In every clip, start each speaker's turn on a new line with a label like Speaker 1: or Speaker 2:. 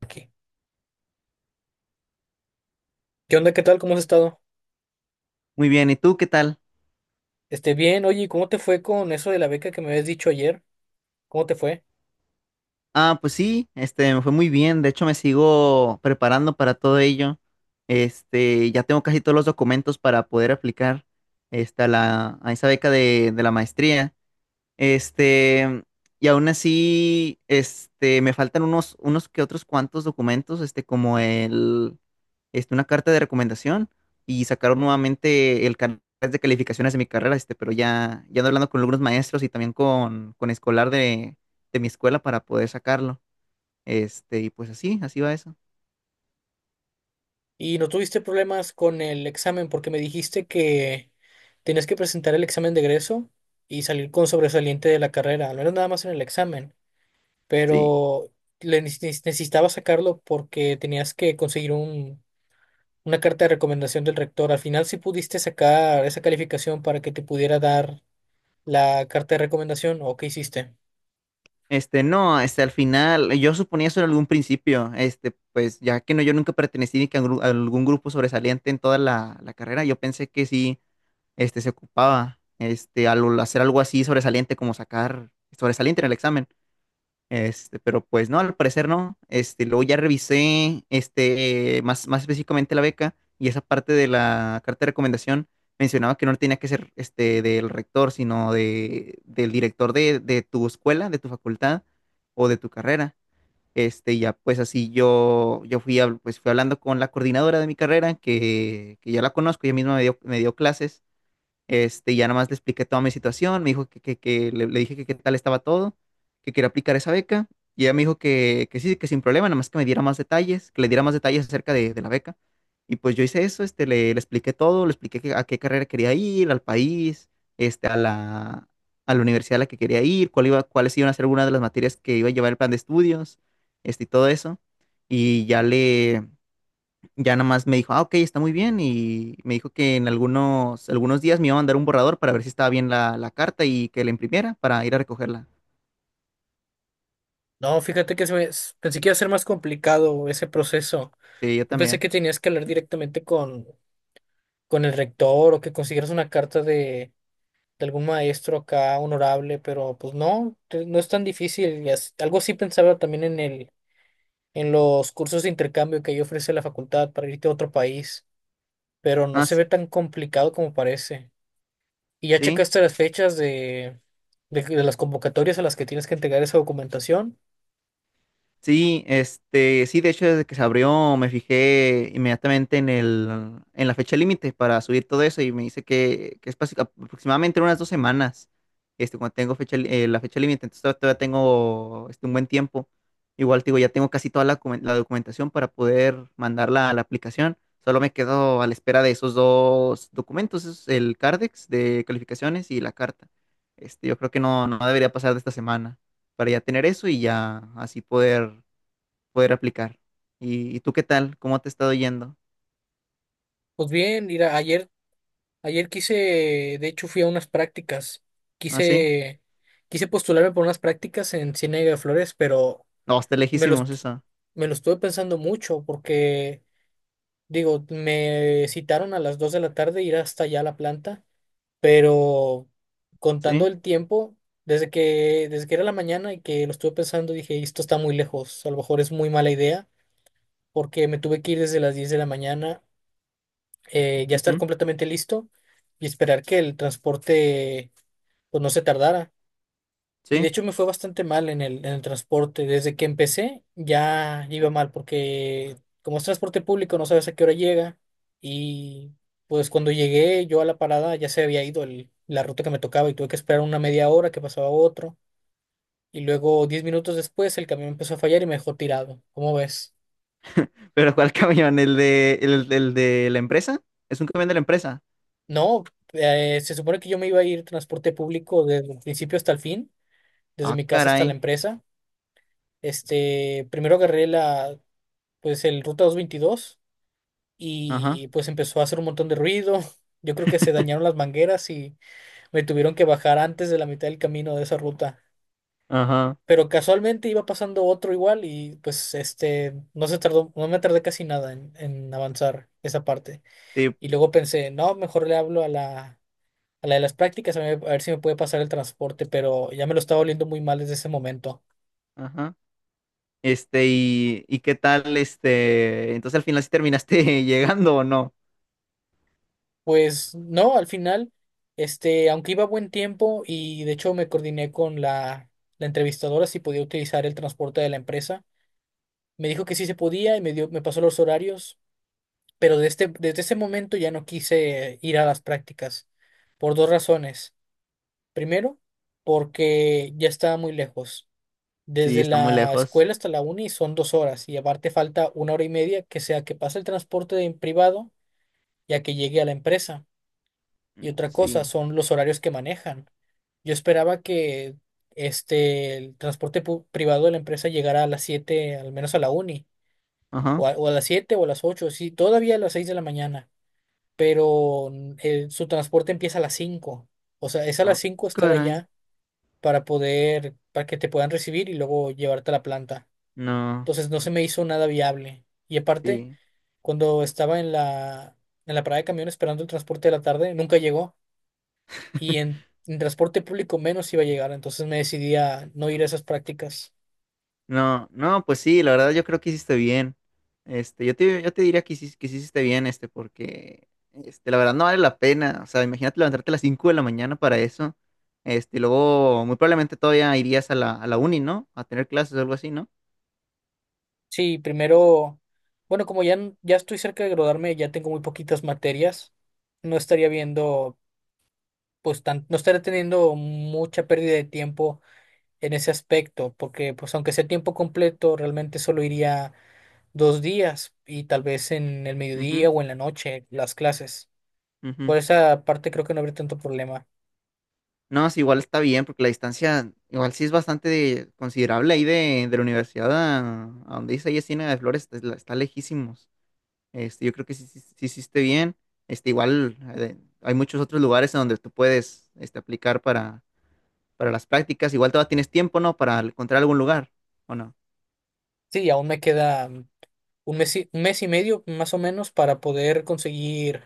Speaker 1: Aquí. ¿Qué onda? ¿Qué tal? ¿Cómo has estado?
Speaker 2: Muy bien, ¿y tú qué tal?
Speaker 1: Bien, oye, ¿y cómo te fue con eso de la beca que me habías dicho ayer? ¿Cómo te fue?
Speaker 2: Ah, pues sí, me fue muy bien. De hecho, me sigo preparando para todo ello. Ya tengo casi todos los documentos para poder aplicar a esa beca de la maestría. Este, y aún así, me faltan unos que otros cuantos documentos, como una carta de recomendación, y sacaron nuevamente el canal de calificaciones de mi carrera. Pero ya ando hablando con algunos maestros y también con escolar de mi escuela para poder sacarlo. Y pues así, así va eso.
Speaker 1: ¿Y no tuviste problemas con el examen? Porque me dijiste que tenías que presentar el examen de egreso y salir con sobresaliente de la carrera. No era nada más en el examen,
Speaker 2: Sí.
Speaker 1: pero le necesitaba sacarlo porque tenías que conseguir una carta de recomendación del rector. Al final, ¿si pudiste sacar esa calificación para que te pudiera dar la carta de recomendación o qué hiciste?
Speaker 2: No, al final, yo suponía eso en algún principio. Pues ya que no, yo nunca pertenecí ni que a, a algún grupo sobresaliente en toda la carrera, yo pensé que sí, se ocupaba, al hacer algo así sobresaliente como sacar sobresaliente en el examen. Pero pues no, al parecer no. Luego ya revisé más, más específicamente la beca, y esa parte de la carta de recomendación mencionaba que no tenía que ser del rector, sino del director de tu escuela, de tu facultad o de tu carrera. Y ya pues así yo fui, pues, fui hablando con la coordinadora de mi carrera, que ya la conozco, ella misma me dio clases. Ya nada más le expliqué toda mi situación. Me dijo le dije que qué tal estaba todo, que quería aplicar esa beca, y ella me dijo que sí, que sin problema, nada más que me diera más detalles, que le diera más detalles acerca de la beca. Y pues yo hice eso. Le expliqué todo, le expliqué a qué carrera quería ir, al país, este, a la, a la universidad a la que quería ir, cuáles iban a ser algunas de las materias que iba a llevar el plan de estudios, y todo eso. Y ya le, ya nada más me dijo, "Ah, ok, está muy bien". Y me dijo que en algunos días me iba a mandar un borrador para ver si estaba bien la carta y que la imprimiera para ir a recogerla.
Speaker 1: No, fíjate que pensé que iba a ser más complicado ese proceso.
Speaker 2: Sí, yo
Speaker 1: Yo pensé
Speaker 2: también.
Speaker 1: que tenías que hablar directamente con el rector o que consiguieras una carta de algún maestro acá honorable, pero pues no, no es tan difícil. Y algo sí pensaba también en en los cursos de intercambio que ahí ofrece la facultad para irte a otro país, pero no
Speaker 2: Ah,
Speaker 1: se
Speaker 2: sí,
Speaker 1: ve tan complicado como parece. ¿Y ya
Speaker 2: sí,
Speaker 1: checaste las fechas de las convocatorias a las que tienes que entregar esa documentación?
Speaker 2: sí. Sí, de hecho, desde que se abrió me fijé inmediatamente en en la fecha límite para subir todo eso, y me dice que es aproximadamente en unas 2 semanas, cuando tengo la fecha límite. Entonces todavía tengo un buen tiempo. Igual, te digo, ya tengo casi toda la documentación para poder mandarla a la aplicación. Solo me quedo a la espera de esos 2 documentos, es el CARDEX de calificaciones y la carta. Yo creo que no, no debería pasar de esta semana para ya tener eso, y ya así poder aplicar. Y tú qué tal? ¿Cómo te ha estado yendo?
Speaker 1: Pues bien, mira, ayer quise, de hecho fui a unas prácticas,
Speaker 2: ¿Ah, sí?
Speaker 1: quise, quise postularme por unas prácticas en Ciénega de Flores, pero
Speaker 2: No, está
Speaker 1: me los
Speaker 2: lejísimos eso.
Speaker 1: me lo estuve pensando mucho porque, digo, me citaron a las 2 de la tarde ir hasta allá a la planta, pero contando
Speaker 2: ¿Sí?
Speaker 1: el tiempo, desde que era la mañana y que lo estuve pensando, dije, esto está muy lejos, a lo mejor es muy mala idea, porque me tuve que ir desde las 10 de la mañana, ya estar
Speaker 2: Ujú.
Speaker 1: completamente listo y esperar que el transporte, pues no se tardara. Y de
Speaker 2: ¿Sí?
Speaker 1: hecho me fue bastante mal en en el transporte. Desde que empecé ya iba mal porque como es transporte público no sabes a qué hora llega. Y pues cuando llegué yo a la parada ya se había ido la ruta que me tocaba y tuve que esperar una media hora que pasaba otro. Y luego 10 minutos después el camión empezó a fallar y me dejó tirado. ¿Cómo ves?
Speaker 2: ¿Pero cuál camión? ¿ el de la empresa? ¿Es un camión de la empresa?
Speaker 1: No, se supone que yo me iba a ir transporte público desde el principio hasta el fin, desde
Speaker 2: Ah,
Speaker 1: mi casa hasta la
Speaker 2: caray.
Speaker 1: empresa. Primero agarré pues el ruta 222
Speaker 2: Ajá,
Speaker 1: y pues empezó a hacer un montón de ruido. Yo creo que se dañaron las mangueras y me tuvieron que bajar antes de la mitad del camino de esa ruta.
Speaker 2: ajá.
Speaker 1: Pero casualmente iba pasando otro igual y pues este no se tardó, no me tardé casi nada en avanzar esa parte.
Speaker 2: Sí,
Speaker 1: Y luego pensé, no, mejor le hablo a a la de las prácticas a ver si me puede pasar el transporte, pero ya me lo estaba oliendo muy mal desde ese momento.
Speaker 2: ajá. ¿Y qué tal? Entonces al final sí terminaste llegando o no.
Speaker 1: Pues no, al final, aunque iba a buen tiempo y de hecho me coordiné con la entrevistadora si podía utilizar el transporte de la empresa. Me dijo que sí se podía y me dio, me pasó los horarios, pero desde ese momento ya no quise ir a las prácticas por dos razones. Primero, porque ya estaba muy lejos.
Speaker 2: Sí,
Speaker 1: Desde
Speaker 2: está muy
Speaker 1: la
Speaker 2: lejos.
Speaker 1: escuela hasta la uni son 2 horas y aparte falta una hora y media que sea que pase el transporte en privado ya que llegue a la empresa. Y
Speaker 2: No,
Speaker 1: otra cosa
Speaker 2: sí.
Speaker 1: son los horarios que manejan. Yo esperaba que el transporte privado de la empresa llegara a las 7 al menos a la uni,
Speaker 2: Ajá.
Speaker 1: o o a las 7 o a las 8 sí, todavía a las 6 de la mañana, pero su transporte empieza a las 5. O sea, es a las
Speaker 2: Ah,
Speaker 1: 5 estar
Speaker 2: caray.
Speaker 1: allá para poder, para que te puedan recibir y luego llevarte a la planta.
Speaker 2: No,
Speaker 1: Entonces no se me hizo nada viable. Y aparte,
Speaker 2: sí.
Speaker 1: cuando estaba en en la parada de camión esperando el transporte de la tarde, nunca llegó. Y en transporte público menos iba a llegar, entonces me decidí a no ir a esas prácticas.
Speaker 2: No, no, pues sí, la verdad yo creo que hiciste bien. Yo te diría que hiciste, que sí hiciste bien, la verdad no vale la pena. O sea, imagínate levantarte a las 5 de la mañana para eso. Y luego muy probablemente todavía irías a a la uni, ¿no? A tener clases o algo así, ¿no?
Speaker 1: Sí, primero, bueno, como ya, ya estoy cerca de graduarme, ya tengo muy poquitas materias, no estaría viendo, pues, tan, no estaría teniendo mucha pérdida de tiempo en ese aspecto, porque pues aunque sea tiempo completo, realmente solo iría 2 días y tal vez en el
Speaker 2: Ujú,
Speaker 1: mediodía o en la noche las clases.
Speaker 2: ujú.
Speaker 1: Por esa parte creo que no habría tanto problema.
Speaker 2: No, sí, igual está bien, porque la distancia, igual sí es bastante considerable ahí de la universidad a donde dice ahí Encina de Flores, está, está lejísimos. Yo creo que sí, sí hiciste bien. Este, igual Hay muchos otros lugares en donde tú puedes aplicar para las prácticas. Igual todavía tienes tiempo, ¿no? Para encontrar algún lugar, ¿o no?
Speaker 1: Sí, aún me queda un mes y medio más o menos para poder conseguir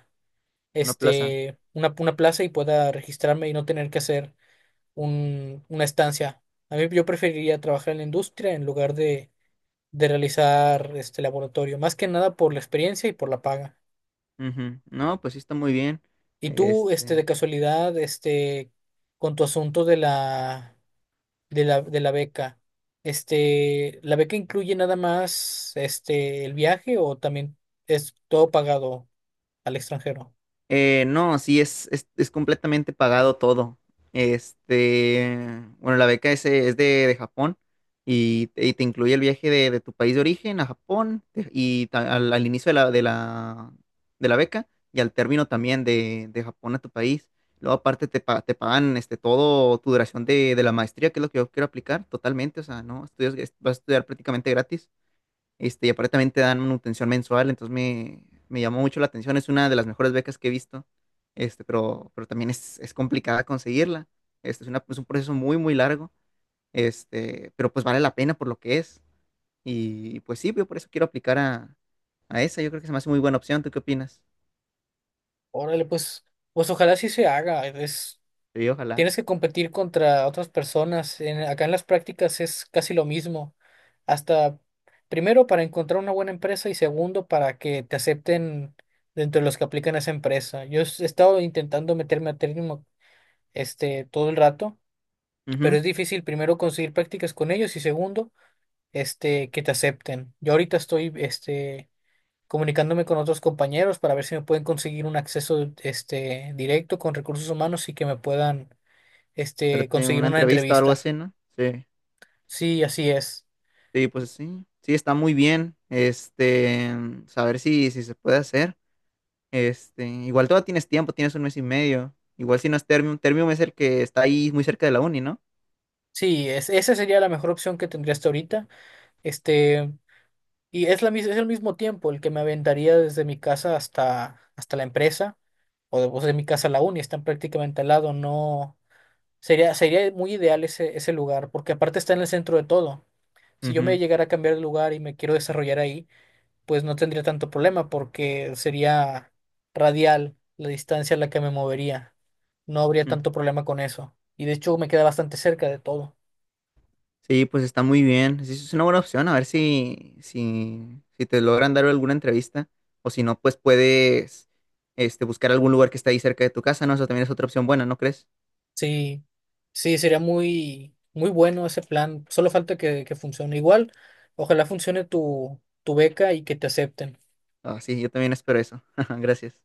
Speaker 2: Una plaza.
Speaker 1: una plaza y pueda registrarme y no tener que hacer una estancia. A mí yo preferiría trabajar en la industria en lugar de realizar este laboratorio, más que nada por la experiencia y por la paga.
Speaker 2: Ujú. No, pues sí está muy bien.
Speaker 1: Y tú, de
Speaker 2: Este.
Speaker 1: casualidad, con tu asunto de de la beca, este, ¿la beca incluye nada más, el viaje o también es todo pagado al extranjero?
Speaker 2: No, sí, es, es completamente pagado todo. Este, bueno, la beca es de Japón, y te incluye el viaje de tu país de origen a Japón. Al, al inicio de de la beca, y al término también de Japón a tu país. Luego aparte te pagan todo tu duración de la maestría, que es lo que yo quiero aplicar totalmente. O sea, no, estudias, vas a estudiar prácticamente gratis. Y aparentemente también te dan manutención mensual, entonces me llamó mucho la atención. Es una de las mejores becas que he visto. Pero también es complicada conseguirla. Es un proceso muy, muy largo. Pero pues vale la pena por lo que es. Y pues sí, yo por eso quiero aplicar a esa. Yo creo que se me hace muy buena opción. ¿Tú qué opinas?
Speaker 1: Órale, pues, pues ojalá sí se haga. Es,
Speaker 2: Sí, ojalá.
Speaker 1: tienes que competir contra otras personas. Acá en las prácticas es casi lo mismo. Hasta primero para encontrar una buena empresa y segundo para que te acepten dentro de los que aplican a esa empresa. Yo he estado intentando meterme a Termo todo el rato, pero
Speaker 2: Ujú.
Speaker 1: es difícil primero conseguir prácticas con ellos y segundo, que te acepten. Yo ahorita estoy, comunicándome con otros compañeros para ver si me pueden conseguir un acceso directo con recursos humanos y que me puedan
Speaker 2: Darte
Speaker 1: conseguir
Speaker 2: una
Speaker 1: una
Speaker 2: entrevista o algo
Speaker 1: entrevista.
Speaker 2: así, ¿no? Sí.
Speaker 1: Sí, así es.
Speaker 2: Sí, pues sí. Sí, está muy bien. Saber si, si se puede hacer. Igual todavía tienes tiempo, tienes un mes y medio. Igual si no es Termium, Termium es el que está ahí muy cerca de la uni, ¿no?
Speaker 1: Sí, es, esa sería la mejor opción que tendría hasta ahorita. Este, y es es el mismo tiempo el que me aventaría desde mi casa hasta la empresa o de mi casa a la uni, están prácticamente al lado, no sería, sería muy ideal ese lugar, porque aparte está en el centro de todo. Si yo me
Speaker 2: Ujú,
Speaker 1: llegara a cambiar de lugar y me quiero desarrollar ahí, pues no tendría tanto problema porque sería radial la distancia a la que me movería. No habría
Speaker 2: mm.
Speaker 1: tanto problema con eso. Y de hecho me queda bastante cerca de todo.
Speaker 2: Sí, pues está muy bien. Sí, es una buena opción. A ver si, si te logran dar alguna entrevista. O si no, pues puedes buscar algún lugar que está ahí cerca de tu casa, ¿no? Eso también es otra opción buena, ¿no crees?
Speaker 1: Sí, sí, sería muy, muy bueno ese plan. Solo falta que funcione. Igual, ojalá funcione tu beca y que te acepten.
Speaker 2: Ah, sí, yo también espero eso. Gracias.